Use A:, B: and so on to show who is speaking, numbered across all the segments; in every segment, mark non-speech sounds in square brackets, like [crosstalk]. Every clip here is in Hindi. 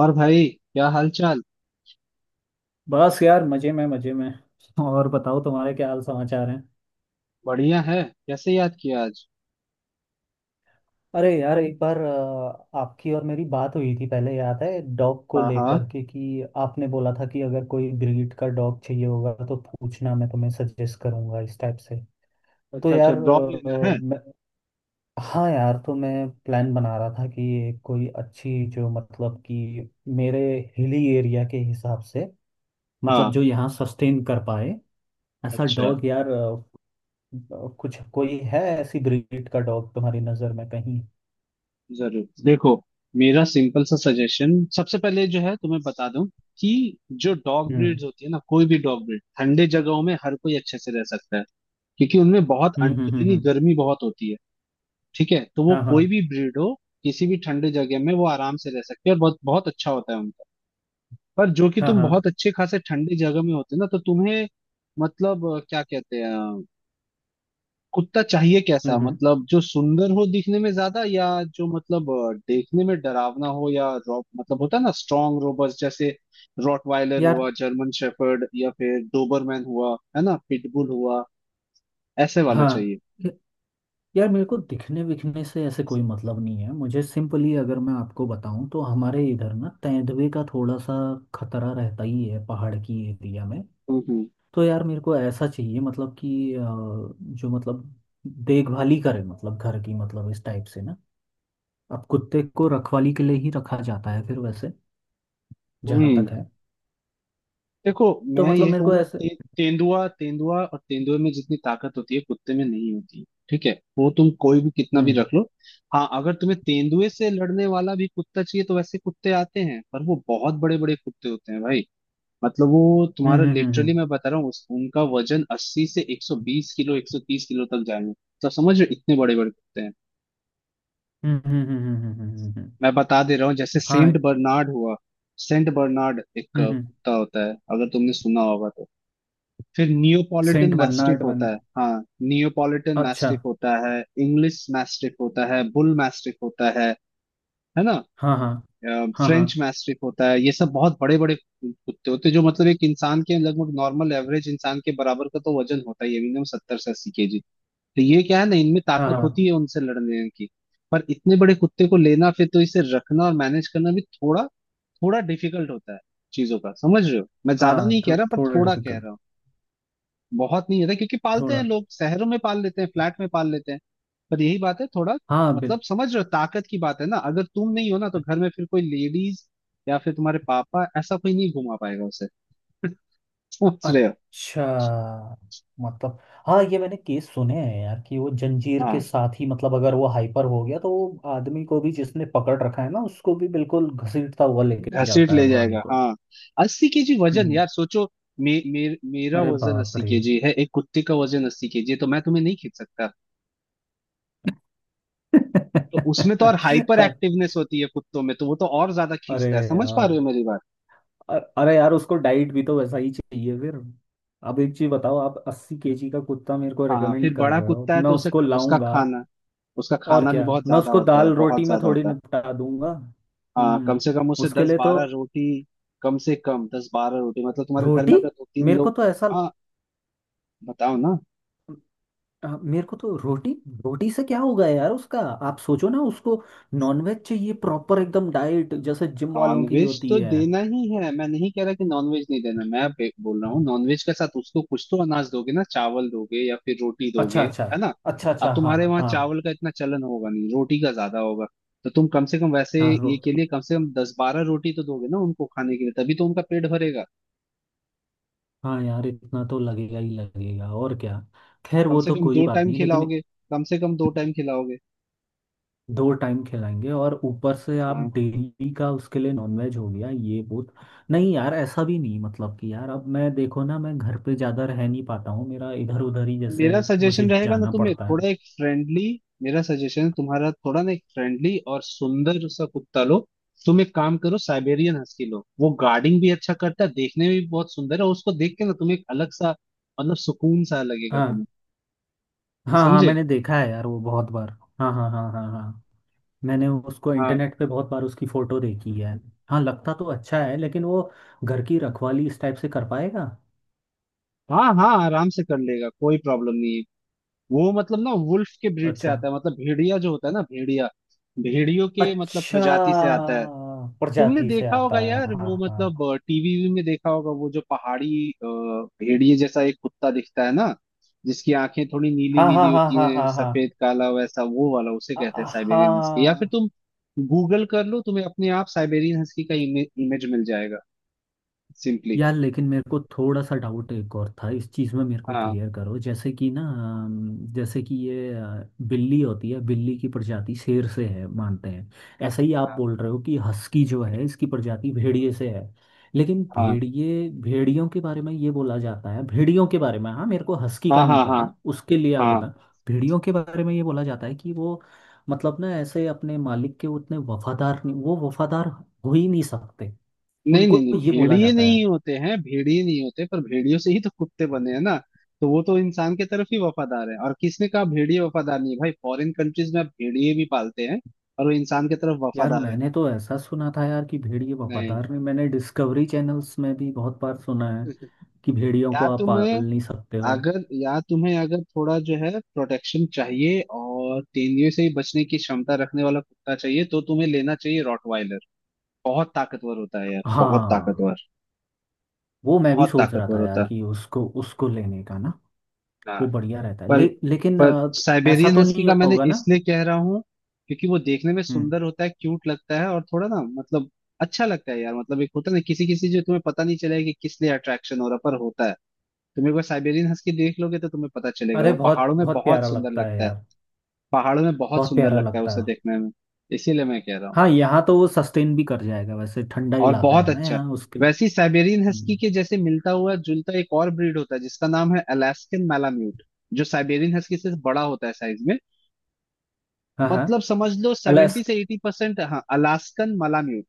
A: और भाई, क्या हाल चाल?
B: बस यार मजे में मजे में। और बताओ तुम्हारे क्या हाल समाचार हैं।
A: बढ़िया है। कैसे याद किया आज?
B: अरे यार एक बार आपकी और मेरी बात हुई थी पहले, याद है? डॉग को
A: हाँ
B: लेकर
A: हाँ।
B: के कि आपने बोला था कि अगर कोई ब्रीड का डॉग चाहिए होगा तो पूछना, मैं तुम्हें सजेस्ट करूंगा इस टाइप से। तो
A: अच्छा, अच्छा
B: यार
A: ब्लॉग लेना है।
B: मैं, हाँ यार तो मैं प्लान बना रहा था कि एक कोई अच्छी जो मतलब कि मेरे हिली एरिया के हिसाब से, मतलब
A: हाँ,
B: जो यहाँ सस्टेन कर पाए, ऐसा
A: अच्छा,
B: डॉग यार। कुछ कोई है ऐसी ब्रीड का डॉग तुम्हारी नजर में कहीं?
A: जरूर देखो। मेरा सिंपल सा सजेशन सबसे पहले जो है तुम्हें बता दूं कि जो डॉग
B: हम्म
A: ब्रीड्स होती है ना, कोई भी डॉग ब्रीड ठंडे जगहों में हर कोई अच्छे से रह सकता है, क्योंकि उनमें बहुत
B: हम्म हम्म हम्म,
A: अंदरूनी
B: हम्म,
A: गर्मी बहुत होती है। ठीक है, तो वो
B: हाँ हाँ
A: कोई भी ब्रीड हो, किसी भी ठंडे जगह में वो आराम से रह सकती है और बहुत बहुत अच्छा होता है उनका। पर जो कि
B: हाँ
A: तुम
B: हाँ।
A: बहुत अच्छे खासे ठंडी जगह में होते ना, तो तुम्हें मतलब क्या कहते हैं कुत्ता चाहिए
B: हम्म
A: कैसा,
B: हम्म,
A: मतलब जो सुंदर हो दिखने में ज्यादा, या जो मतलब देखने में डरावना हो, या मतलब होता है ना स्ट्रॉन्ग रोबस्ट, जैसे रॉटवाइलर
B: यार
A: हुआ, जर्मन शेफर्ड, या फिर डोबरमैन हुआ, है ना, पिटबुल हुआ, ऐसे वाला
B: हाँ।
A: चाहिए।
B: य- यार मेरे को दिखने विखने से ऐसे कोई मतलब नहीं है। मुझे सिंपली अगर मैं आपको बताऊं तो हमारे इधर ना तेंदुए का थोड़ा सा खतरा रहता ही है पहाड़ की एरिया में।
A: हम्म हम्म
B: तो यार मेरे को ऐसा चाहिए, मतलब कि जो मतलब देखभाल ही करे, मतलब घर की, मतलब इस टाइप से ना। अब कुत्ते को रखवाली के लिए ही रखा जाता है फिर वैसे, जहाँ
A: हम्म।
B: तक है।
A: देखो,
B: तो
A: मैं
B: मतलब
A: ये
B: मेरे को
A: कहूंगा
B: ऐसे।
A: तेंदुआ तेंदुआ और तेंदुए में जितनी ताकत होती है कुत्ते में नहीं होती। ठीक है, वो तुम कोई भी कितना भी
B: हम्म
A: रख लो। हाँ, अगर तुम्हें तेंदुए से लड़ने वाला भी कुत्ता चाहिए तो वैसे कुत्ते आते हैं, पर वो बहुत बड़े बड़े कुत्ते होते हैं भाई। मतलब वो तुम्हारा
B: हम्म हम्म
A: लिटरली मैं बता रहा हूँ, उनका वजन 80 से 120 किलो, 130 किलो तक जाएंगे। तो समझ रहे हो, इतने बड़े बड़े कुत्ते हैं।
B: हम्म हम्म हम्म हम्म हम्म हम्म, हम्म, हम्म, हम्म,
A: मैं बता दे रहा हूँ, जैसे
B: हाँ।
A: सेंट बर्नार्ड हुआ। सेंट बर्नार्ड एक
B: हम्म,
A: कुत्ता होता है, अगर तुमने सुना होगा तो। फिर नियोपॉलिटन
B: सेंट
A: मैस्टिफ
B: बर्नार्ड
A: होता
B: बना।
A: है, हाँ। नियोपॉलिटन
B: अच्छा।
A: मैस्टिफ होता है, इंग्लिश मैस्टिफ होता है, बुल मैस्टिफ होता है ना,
B: हाँ हाँ हाँ।
A: फ्रेंच
B: हाँ
A: मैस्टिफ होता है। ये सब बहुत बड़े बड़े कुत्ते होते हैं, जो मतलब एक इंसान के लगभग, नॉर्मल एवरेज इंसान के बराबर का तो वजन होता है, ये मिनिमम 70 से 80 केजी। तो ये क्या है ना, इनमें ताकत होती
B: हाँ।
A: है उनसे लड़ने की। पर इतने बड़े कुत्ते को लेना, फिर तो इसे रखना और मैनेज करना भी थोड़ा, थोड़ा डिफिकल्ट होता है चीजों का। समझ रहे हो, मैं
B: हाँ
A: ज्यादा
B: हाँ।
A: नहीं कह रहा, पर
B: थोड़ा
A: थोड़ा कह
B: डिफिकल्ट,
A: रहा हूँ। बहुत नहीं होता, क्योंकि पालते हैं
B: थोड़ा।
A: लोग शहरों में, पाल लेते हैं फ्लैट में पाल लेते हैं, पर यही बात है थोड़ा।
B: हाँ बिल।
A: मतलब समझ रहे हो, ताकत की बात है ना, अगर तुम नहीं हो ना तो घर में फिर कोई लेडीज या फिर तुम्हारे पापा, ऐसा कोई नहीं घुमा पाएगा उसे। [laughs] समझ रहे हो।
B: अच्छा। मतलब हाँ, ये मैंने केस सुने हैं यार कि वो जंजीर के
A: हाँ,
B: साथ ही, मतलब अगर वो हाइपर हो गया तो वो आदमी को भी जिसने पकड़ रखा है ना, उसको भी बिल्कुल घसीटता हुआ लेके
A: घसीट
B: जाता है
A: ले
B: वो आगे
A: जाएगा
B: को।
A: हाँ। अस्सी केजी वजन
B: हम्म,
A: यार, सोचो। मे, मे, मेरा
B: अरे
A: वजन
B: बाप
A: अस्सी
B: रे।
A: केजी है, एक कुत्ते का वजन 80 केजी है, तो मैं तुम्हें नहीं खींच सकता। तो
B: [laughs]
A: उसमें तो और हाइपर
B: अरे,
A: एक्टिवनेस होती है कुत्तों में, तो वो तो और ज्यादा
B: अरे
A: खींचता है। समझ पा रहे
B: यार।
A: हो मेरी बात?
B: अरे यार उसको डाइट भी तो वैसा ही चाहिए फिर। अब एक चीज बताओ, आप अस्सी केजी का कुत्ता मेरे को
A: हाँ,
B: रेकमेंड
A: फिर
B: कर
A: बड़ा
B: रहे हो,
A: कुत्ता है
B: मैं
A: तो उसे
B: उसको
A: उसका
B: लाऊंगा
A: खाना उसका
B: और
A: खाना भी
B: क्या
A: बहुत
B: मैं
A: ज्यादा
B: उसको
A: होता है,
B: दाल रोटी
A: बहुत
B: में
A: ज्यादा
B: थोड़ी
A: होता है।
B: निपटा दूंगा?
A: हाँ, कम
B: हम्म।
A: से कम उसे
B: उसके
A: दस
B: लिए तो
A: बारह रोटी कम से कम 10 12 रोटी, मतलब तुम्हारे घर
B: रोटी।
A: में अगर दो तीन
B: मेरे को
A: लोग
B: तो ऐसा,
A: हाँ, बताओ ना।
B: मेरे को तो रोटी, रोटी से क्या होगा यार उसका? आप सोचो ना, उसको नॉनवेज चाहिए प्रॉपर एकदम डाइट जैसे जिम वालों की
A: नॉनवेज
B: होती
A: तो
B: है।
A: देना ही है, मैं नहीं कह रहा कि नॉनवेज नहीं देना। मैं बोल रहा हूँ नॉनवेज के साथ उसको कुछ तो अनाज दोगे ना, चावल दोगे या फिर रोटी
B: अच्छा
A: दोगे,
B: अच्छा।
A: है ना।
B: अच्छा
A: अब
B: अच्छा हाँ
A: तुम्हारे
B: हाँ
A: वहाँ
B: हाँ
A: चावल का इतना चलन होगा नहीं, रोटी का ज्यादा होगा। तो तुम कम से कम वैसे
B: हाँ,
A: ये
B: रोट
A: के लिए कम से कम दस बारह रोटी तो दोगे ना उनको खाने के लिए, तभी तो उनका पेट भरेगा।
B: हाँ यार इतना तो लगेगा ही लगेगा, और क्या। खैर
A: कम
B: वो
A: से
B: तो
A: कम
B: कोई
A: दो
B: बात
A: टाइम
B: नहीं लेकिन
A: खिलाओगे, कम से कम दो टाइम खिलाओगे।
B: दो टाइम खिलाएंगे और ऊपर से आप
A: हाँ,
B: डेली का उसके लिए नॉनवेज हो गया, ये बहुत। नहीं यार ऐसा भी नहीं, मतलब कि यार अब मैं देखो ना, मैं घर पे ज़्यादा रह नहीं पाता हूँ, मेरा इधर उधर ही जैसे
A: मेरा सजेशन
B: मुझे
A: रहेगा ना
B: जाना
A: तुम्हें
B: पड़ता
A: थोड़ा
B: है।
A: एक फ्रेंडली, मेरा सजेशन तुम्हारा थोड़ा ना एक फ्रेंडली और सुंदर सा कुत्ता लो। तुम एक काम करो, साइबेरियन हस्की लो। वो गार्डिंग भी अच्छा करता है, देखने में भी बहुत सुंदर है, और उसको देख के ना तुम्हें एक अलग सा मतलब सुकून सा लगेगा
B: हाँ
A: तुम्हें।
B: हाँ। हाँ
A: समझे?
B: मैंने देखा है यार वो बहुत बार। हाँ हाँ हाँ हाँ हाँ, मैंने उसको
A: हाँ
B: इंटरनेट पे बहुत बार उसकी फ़ोटो देखी है। हाँ लगता तो अच्छा है, लेकिन वो घर की रखवाली इस टाइप से कर पाएगा?
A: हाँ हाँ, आराम से कर लेगा, कोई प्रॉब्लम नहीं है। वो मतलब ना वुल्फ के ब्रीड से
B: अच्छा।
A: आता है, मतलब भेड़िया जो होता है ना भेड़िया, भेड़ियों के मतलब
B: अच्छा,
A: प्रजाति से आता है। तुमने
B: प्रजाति से
A: देखा होगा
B: आता
A: यार, वो
B: है।
A: मतलब टीवी में देखा होगा, वो जो पहाड़ी भेड़िए जैसा एक कुत्ता दिखता है ना, जिसकी आंखें थोड़ी नीली
B: हाँ हाँ
A: नीली
B: हाँ हाँ
A: होती
B: हाँ हाँ
A: हैं,
B: हाँ हाँ
A: सफेद
B: हाँ।
A: काला वैसा, वो वाला। उसे कहते हैं साइबेरियन हस्की, या फिर
B: हाँ।
A: तुम गूगल कर लो, तुम्हें अपने आप साइबेरियन हस्की का इमेज मिल जाएगा सिंपली।
B: यार लेकिन मेरे को थोड़ा सा डाउट एक और था इस चीज़ में, मेरे को
A: हाँ
B: क्लियर करो। जैसे कि ना जैसे कि ये बिल्ली होती है, बिल्ली की प्रजाति शेर से है मानते हैं। ऐसा ही आप
A: हाँ
B: बोल रहे हो कि हस्की जो है इसकी प्रजाति भेड़िए से है। लेकिन
A: हाँ
B: भेड़िए, भेड़ियों के बारे में ये बोला जाता है, भेड़ियों के बारे में। हाँ मेरे को हस्की का
A: हाँ
B: नहीं
A: हाँ हाँ
B: पता, उसके लिए आप बता।
A: हाँ।
B: भेड़ियों के बारे में ये बोला जाता है कि वो मतलब ना ऐसे अपने मालिक के उतने वफादार नहीं, वो वफादार हो ही नहीं सकते।
A: नहीं नहीं
B: उनको
A: नहीं,
B: ये बोला
A: भेड़िए
B: जाता
A: नहीं
B: है।
A: होते हैं, भेड़िए नहीं होते, पर भेड़ियों से ही तो कुत्ते बने हैं ना। तो वो तो इंसान के तरफ ही वफादार है। और किसने कहा भेड़िए वफादार नहीं है भाई, फॉरेन कंट्रीज में आप भेड़िए भी पालते हैं, और वो इंसान के तरफ
B: यार
A: वफादार है।
B: मैंने तो ऐसा सुना था यार कि भेड़िए वफादार नहीं।
A: नहीं,
B: मैंने डिस्कवरी चैनल्स में भी बहुत बार सुना है कि भेड़ियों को
A: या
B: आप पाल
A: तुम्हें
B: नहीं सकते हो।
A: अगर, या तुम्हें अगर थोड़ा जो है प्रोटेक्शन चाहिए और तेंदुए से ही बचने की क्षमता रखने वाला कुत्ता चाहिए, तो तुम्हें लेना चाहिए रॉटवाइलर। बहुत ताकतवर होता है यार, बहुत
B: हाँ।
A: ताकतवर,
B: वो मैं भी
A: बहुत
B: सोच रहा
A: ताकतवर
B: था
A: होता
B: यार
A: है
B: कि उसको, उसको लेने का ना।
A: हाँ।
B: वो बढ़िया रहता है,
A: पर
B: लेकिन
A: पर
B: ऐसा
A: साइबेरियन
B: तो
A: हस्की
B: नहीं
A: का मैंने
B: होगा ना?
A: इसलिए कह रहा हूँ, क्योंकि वो देखने में
B: हम्म।
A: सुंदर होता है, क्यूट लगता है, और थोड़ा ना मतलब अच्छा लगता है यार। मतलब एक होता है ना, किसी किसी जो तुम्हें पता नहीं चलेगा कि किस लिए अट्रैक्शन हो रहा, पर होता है। तुम एक बार साइबेरियन हस्की देख लोगे तो तुम्हें पता चलेगा,
B: अरे
A: वो
B: बहुत
A: पहाड़ों में
B: बहुत
A: बहुत
B: प्यारा
A: सुंदर
B: लगता है
A: लगता है।
B: यार,
A: पहाड़ों में बहुत
B: बहुत
A: सुंदर
B: प्यारा
A: लगता है
B: लगता
A: उसे
B: है।
A: देखने में, इसीलिए मैं कह रहा हूँ।
B: हाँ यहाँ तो वो सस्टेन भी कर जाएगा, वैसे ठंडा
A: और
B: इलाका
A: बहुत
B: है ना
A: अच्छा,
B: यहाँ उसके।
A: वैसे ही साइबेरियन हस्की
B: हम्म,
A: के जैसे मिलता हुआ जुलता एक और ब्रीड होता है जिसका नाम है अलास्कन मैलाम्यूट। जो साइबेरियन हस्की से बड़ा होता है साइज में,
B: हाँ हाँ।
A: मतलब समझ लो सेवेंटी
B: अलास्क,
A: से एटी परसेंट हाँ, अलास्कन मलाम्यूट।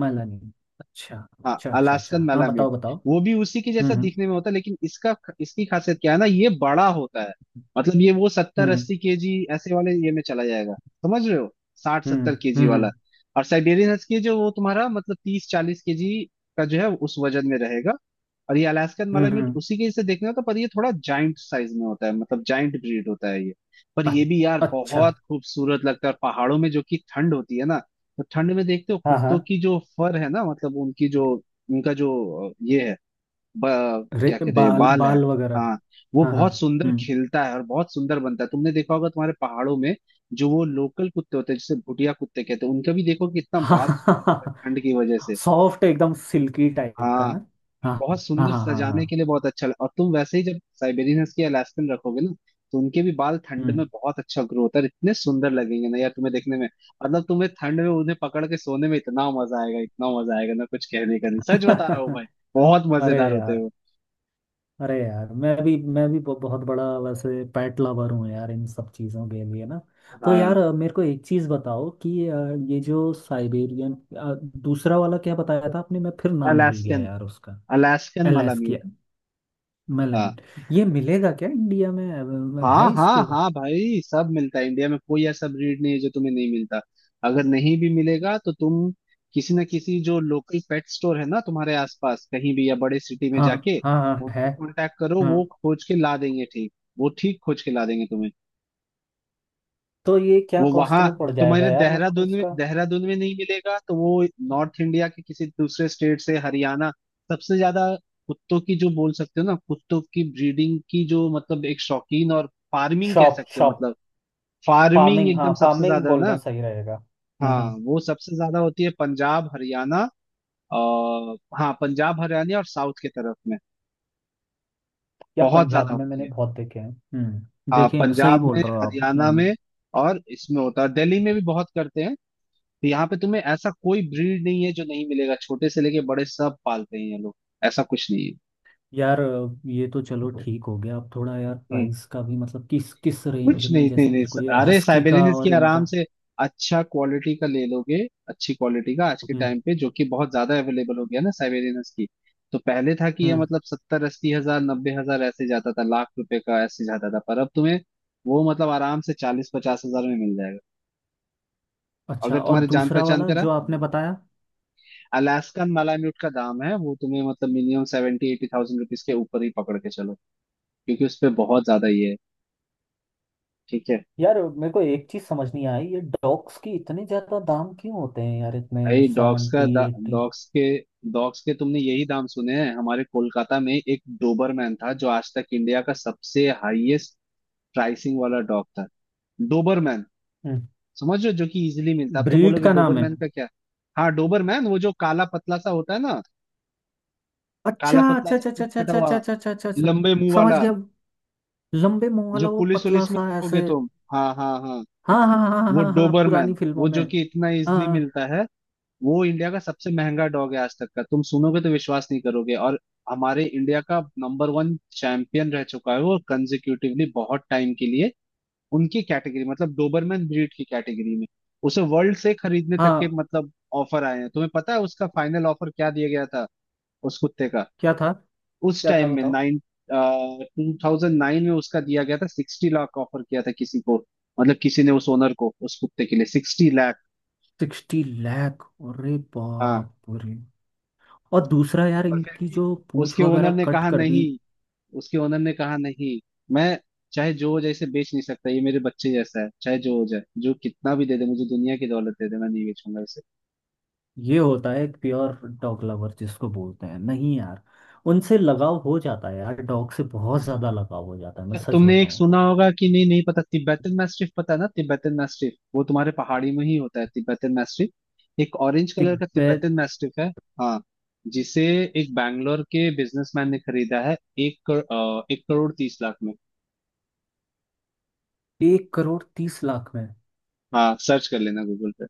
B: माला नहीं। अच्छा।
A: हाँ,
B: अच्छा अच्छा
A: अलास्कन
B: अच्छा हाँ
A: मलाम्यूट
B: बताओ बताओ।
A: वो भी उसी के
B: हम्म
A: जैसा
B: हम्म
A: दिखने में होता है, लेकिन इसका, इसकी खासियत क्या है ना, ये बड़ा होता है। मतलब ये वो सत्तर
B: हम्म
A: अस्सी केजी ऐसे वाले ये में चला जाएगा, समझ रहे हो, साठ सत्तर
B: हम्म
A: केजी वाला।
B: हम्म
A: और साइबेरियन हस्की जो वो तुम्हारा मतलब 30 40 केजी का जो है उस वजन में रहेगा। और ये अलास्कन
B: हम्म
A: मालाम्यूट
B: हम्म,
A: उसी के से देखने होता है, पर ये थोड़ा जाइंट साइज में होता है, मतलब जाइंट ब्रीड होता है ये। पर
B: अ-
A: ये भी यार
B: अच्छा।
A: बहुत खूबसूरत लगता है, और पहाड़ों में जो कि ठंड होती है ना, तो ठंड में देखते हो
B: हाँ
A: कुत्तों
B: हाँ।
A: की जो फर है ना, मतलब उनकी जो, उनका जो ये है,
B: रे,
A: क्या कहते हैं,
B: बाल
A: बाल है
B: बाल वगैरह।
A: हाँ, वो
B: हाँ हाँ।
A: बहुत सुंदर
B: हम्म।
A: खिलता है और बहुत सुंदर बनता है। तुमने देखा होगा तुम्हारे पहाड़ों में जो वो लोकल कुत्ते होते हैं, जिसे भुटिया कुत्ते कहते हैं, उनका भी देखो कि इतना बाल सुंदर होता है
B: हाँ।
A: ठंड की वजह
B: [laughs]
A: से।
B: सॉफ्ट एकदम सिल्की टाइप का
A: हाँ,
B: ना। हाँ
A: बहुत
B: हाँ
A: सुंदर
B: हाँ हाँ हाँ।
A: सजाने के लिए बहुत अच्छा और तुम वैसे ही जब साइबेरियन हस्की अलास्कन रखोगे ना, तो उनके भी बाल ठंड में
B: हम्म।
A: बहुत अच्छा ग्रो होता है, और इतने सुंदर लगेंगे ना यार तुम्हें देखने में। मतलब तुम्हें ठंड में उन्हें पकड़ के सोने में इतना मजा आएगा, इतना मजा आएगा ना, कुछ कहने का नहीं, सच बता रहा हूँ भाई,
B: [laughs]
A: बहुत
B: अरे
A: मजेदार होते
B: यार,
A: हो।
B: अरे यार मैं भी बहुत बड़ा वैसे पेट लवर हूँ यार इन सब चीज़ों के लिए ना। तो
A: हाँ,
B: यार मेरे को एक चीज़ बताओ कि ये जो साइबेरियन दूसरा वाला क्या बताया था आपने? मैं फिर नाम भूल गया
A: अलास्कन,
B: यार उसका।
A: अलास्कन माला
B: अलास्की
A: म्यूट।
B: मेलामिन, ये मिलेगा क्या इंडिया में?
A: हाँ
B: है
A: हाँ
B: इसको?
A: हाँ भाई, सब मिलता है इंडिया में, कोई ऐसा ब्रीड नहीं है जो तुम्हें नहीं मिलता। अगर नहीं भी मिलेगा तो तुम किसी ना किसी जो लोकल पेट स्टोर है ना तुम्हारे आसपास कहीं भी, या बड़े सिटी में
B: हाँ
A: जाके
B: हाँ हाँ, है।
A: उनको कांटेक्ट करो,
B: हाँ
A: वो खोज के ला देंगे, ठीक, वो ठीक खोज के ला देंगे तुम्हें।
B: तो ये क्या
A: वो
B: कॉस्ट
A: वहां,
B: में पड़ जाएगा
A: तुम्हारे
B: यार मेरे को
A: देहरादून में,
B: इसका?
A: देहरादून में नहीं मिलेगा तो वो नॉर्थ इंडिया के किसी दूसरे स्टेट से, हरियाणा सबसे ज्यादा, कुत्तों की जो बोल सकते हो ना, कुत्तों की ब्रीडिंग की जो मतलब एक शौकीन, और फार्मिंग कह
B: शॉप
A: सकते हो,
B: शॉप।
A: मतलब फार्मिंग
B: फार्मिंग हाँ,
A: एकदम सबसे
B: फार्मिंग
A: ज्यादा
B: बोलना
A: ना।
B: सही रहेगा।
A: हाँ, वो सबसे ज्यादा होती है पंजाब हरियाणा, और हाँ, पंजाब हरियाणा और साउथ के तरफ में
B: या
A: बहुत ज्यादा
B: पंजाब में
A: होती
B: मैंने
A: है।
B: बहुत देखे हैं।
A: हाँ,
B: देखें, सही
A: पंजाब
B: बोल
A: में,
B: रहे हो आप,
A: हरियाणा
B: हम्म।
A: में, और इसमें होता है दिल्ली में भी बहुत करते हैं। तो यहाँ पे तुम्हें ऐसा कोई ब्रीड नहीं है जो नहीं मिलेगा, छोटे से लेके बड़े सब पालते हैं ये लोग, ऐसा कुछ नहीं है।
B: यार ये तो चलो ठीक हो गया, अब थोड़ा यार
A: हम्म।
B: प्राइस का भी, मतलब किस किस रेंज
A: कुछ
B: में
A: नहीं थे
B: जैसे
A: ले,
B: मेरे को, ये
A: अरे
B: हस्की का
A: साइबेरियन की
B: और
A: आराम
B: इनका।
A: से अच्छा क्वालिटी का ले लोगे, अच्छी क्वालिटी का आज के
B: हम्म
A: टाइम पे जो कि बहुत ज्यादा अवेलेबल हो गया ना साइबेरियन की। तो पहले था कि ये
B: हम्म।
A: मतलब 70 80 हजार, 90 हजार ऐसे जाता था, लाख रुपए का ऐसे जाता था, पर अब तुम्हें वो मतलब आराम से 40 50 हजार में मिल जाएगा,
B: अच्छा
A: अगर
B: और
A: तुम्हारे जान
B: दूसरा
A: पहचान
B: वाला
A: करा।
B: जो आपने बताया?
A: अलास्कन मालाम्यूट का दाम है वो तुम्हें मतलब मिनिमम 70 80 thousand rupees के ऊपर ही पकड़ के चलो, क्योंकि उस पे बहुत ज्यादा ये है। ठीक है।
B: यार मेरे को एक चीज समझ नहीं आई, ये डॉग्स की इतने ज्यादा दाम क्यों होते हैं यार, इतने
A: भाई डॉग्स का
B: सेवेंटी एट्टी।
A: डॉग्स के डॉग्स के तुमने यही दाम सुने हैं? हमारे कोलकाता में एक डोबरमैन था जो आज तक इंडिया का सबसे हाईएस्ट प्राइसिंग वाला डॉग था। डोबरमैन,
B: हम्म।
A: समझ रहे हो, जो कि इजीली मिलता है। अब तुम
B: ब्रीड
A: बोलोगे
B: का नाम है?
A: डोबरमैन का क्या? हाँ, डोबरमैन, वो जो काला पतला सा होता है ना,
B: अच्छा
A: काला पतला
B: अच्छा
A: सा,
B: अच्छा अच्छा
A: पूंछ कटा
B: अच्छा अच्छा
A: हुआ,
B: अच्छा अच्छा अच्छा अच्छा,
A: लंबे मुंह
B: समझ
A: वाला,
B: गया। लंबे मुंह
A: जो
B: वाला वो
A: पुलिस
B: पतला
A: वुलिस में
B: सा
A: देखोगे
B: ऐसे।
A: तुम। हाँ हाँ हाँ।
B: हाँ हाँ हाँ हाँ
A: वो
B: हाँ हाँ,
A: डोबरमैन,
B: पुरानी फिल्मों
A: वो
B: में।
A: जो कि इतना इजीली
B: हाँ
A: मिलता है, वो इंडिया का सबसे महंगा डॉग है आज तक का, तुम सुनोगे तो विश्वास नहीं करोगे। और हमारे इंडिया का नंबर वन चैंपियन रह चुका है वो, कंजिक्यूटिवली बहुत टाइम के लिए, उनकी कैटेगरी मतलब डोबरमैन ब्रीड की कैटेगरी में। उसे वर्ल्ड से खरीदने तक के
B: हाँ।
A: मतलब ऑफर आए हैं। तुम्हें पता है उसका फाइनल ऑफर क्या दिया गया था उस कुत्ते का?
B: क्या था?
A: उस
B: क्या था
A: टाइम में
B: बताओ?
A: नाइन 2009 में उसका दिया गया था, 60 लाख ऑफर किया था किसी को, मतलब किसी ने उस ओनर को उस कुत्ते के लिए 60 लाख।
B: सिक्सटी लाख? अरे
A: हाँ,
B: बाप रे। और दूसरा यार,
A: पर फिर
B: इनकी
A: भी
B: जो पूंछ
A: उसके
B: वगैरह
A: ओनर ने
B: कट
A: कहा
B: कर दी।
A: नहीं, उसके ओनर ने कहा नहीं, मैं चाहे जो हो जाए इसे बेच नहीं सकता, ये मेरे बच्चे जैसा है, चाहे जो हो जाए, जो कितना भी दे दे, मुझे दुनिया की दौलत दे दे, मैं नहीं बेचूंगा इसे।
B: ये होता है एक प्योर डॉग लवर, जिसको बोलते हैं, नहीं यार? उनसे लगाव हो जाता है यार, डॉग से बहुत ज्यादा लगाव हो जाता है, मैं
A: क्या
B: सच
A: तुमने एक
B: बताऊं
A: सुना
B: तो।
A: होगा कि, नहीं नहीं पता, तिब्बतन मैस्टिफ पता है ना, तिब्बतन मैस्टिफ, वो तुम्हारे पहाड़ी में ही होता है तिब्बतन मैस्टिफ, एक ऑरेंज कलर का
B: तिब्बत।
A: तिब्बतन मैस्टिफ है, हाँ, जिसे एक बैंगलोर के बिजनेसमैन ने खरीदा है एक करोड़, 1 करोड़ 30 लाख में।
B: एक करोड़ तीस लाख में?
A: हाँ, सर्च कर लेना गूगल पे।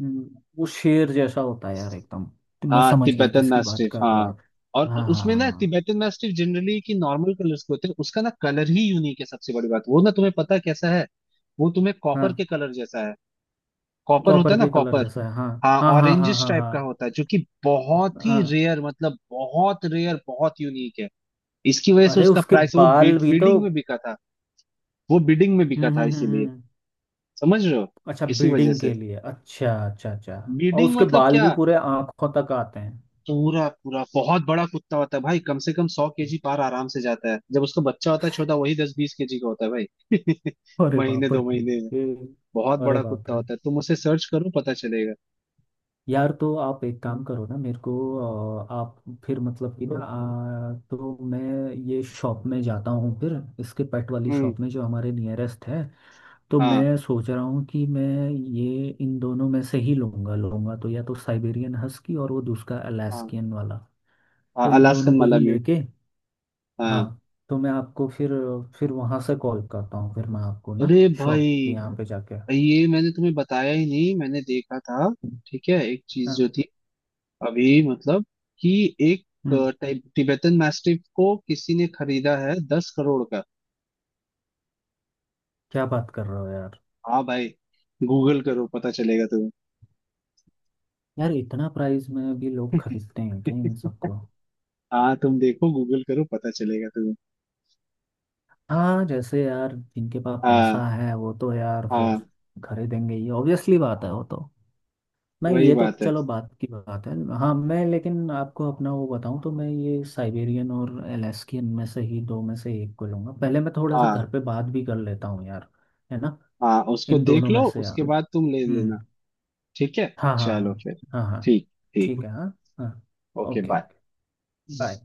B: वो शेर जैसा होता है यार एकदम। तो मैं
A: हाँ,
B: समझ गया
A: तिब्बतन
B: किसकी बात
A: मैस्टिफ
B: कर रहे हो
A: हाँ।
B: आप।
A: और
B: हाँ हाँ
A: उसमें ना,
B: हाँ
A: तिब्बतन मैस्टिफ जनरली की नॉर्मल कलर्स के होते हैं, उसका ना कलर ही यूनिक है सबसे बड़ी बात, वो ना तुम्हें पता है कैसा है, वो तुम्हें
B: हाँ,
A: कॉपर के कलर जैसा है, कॉपर होता
B: कॉपर
A: है ना
B: के कलर
A: कॉपर,
B: जैसा है। हाँ
A: हाँ,
B: हाँ हाँ हाँ
A: ऑरेंजिश
B: हाँ
A: टाइप का
B: हाँ
A: होता है, जो कि बहुत ही
B: हाँ।
A: रेयर, मतलब बहुत रेयर, बहुत यूनिक है। इसकी वजह से
B: अरे
A: उसका
B: उसके
A: प्राइस, वो
B: बाल भी तो।
A: बिडिंग में बिका था, वो बिडिंग में
B: हम्म
A: बिका था,
B: हम्म हम्म
A: इसीलिए,
B: हम्म।
A: समझ रहे हो,
B: अच्छा,
A: इसी वजह
B: ब्रीडिंग
A: से।
B: के लिए? अच्छा अच्छा अच्छा। और
A: बिडिंग
B: उसके
A: मतलब
B: बाल भी
A: क्या,
B: पूरे आंखों तक आते हैं।
A: पूरा पूरा बहुत बड़ा कुत्ता होता है भाई, कम से कम 100 केजी पार आराम से जाता है, जब उसका बच्चा होता है छोटा वही 10 20 केजी का होता है भाई [laughs]
B: अरे
A: महीने
B: बाप
A: दो
B: रे।
A: महीने में।
B: ये-
A: बहुत
B: अरे
A: बड़ा
B: बाप
A: कुत्ता
B: रे।
A: होता है, तुम उसे सर्च करो पता चलेगा।
B: यार तो आप एक काम करो ना मेरे को, आप फिर मतलब कि ना तो मैं ये शॉप में जाता हूँ फिर, इसके पेट वाली
A: हम्म,
B: शॉप में जो हमारे नियरेस्ट है। तो
A: हाँ
B: मैं सोच रहा हूँ कि मैं ये इन दोनों में से ही लूँगा। लूँगा तो या तो साइबेरियन हस्की और वो दूसरा
A: हाँ
B: अलास्कियन वाला।
A: हाँ,
B: तो इन दोनों
A: अलास्कन
B: को ही
A: मालाम्यूट
B: लेके।
A: हाँ।
B: हाँ। तो मैं आपको फिर वहाँ से कॉल करता हूँ फिर मैं आपको ना,
A: अरे भाई,
B: शॉप के यहाँ पे जाके।
A: ये मैंने तुम्हें बताया ही नहीं, मैंने देखा था, ठीक है, एक चीज
B: हाँ।
A: जो थी अभी, मतलब कि, एक
B: हम्म।
A: टाइप टिबेटन मैस्टिफ को किसी ने खरीदा है 10 करोड़ का।
B: क्या बात कर रहे हो यार?
A: हाँ भाई, गूगल करो पता चलेगा।
B: यार इतना प्राइस में भी लोग खरीदते हैं क्या इन सबको?
A: हाँ, तुम देखो गूगल करो पता चलेगा तुम्हें।
B: हाँ जैसे यार जिनके पास पैसा
A: हाँ
B: है वो तो यार फिर
A: हाँ,
B: खरीदेंगे ही, ऑब्वियसली बात है वो तो। नहीं
A: वही
B: ये तो
A: बात है।
B: चलो बात की बात है। हाँ मैं लेकिन आपको अपना वो बताऊं तो मैं ये साइबेरियन और अलास्कियन में से ही, दो में से एक को लूंगा। पहले मैं थोड़ा सा
A: हाँ
B: घर पे बात भी कर लेता हूँ यार, है ना?
A: हाँ, उसको
B: इन
A: देख
B: दोनों में
A: लो
B: से
A: उसके
B: यार।
A: बाद तुम ले लेना।
B: हम्म।
A: ठीक है,
B: हाँ हाँ हाँ
A: चलो फिर।
B: हाँ हाँ।
A: ठीक। ठीक।
B: ठीक है हाँ। हाँ।
A: Okay
B: okay
A: bye.
B: Okay. Bye.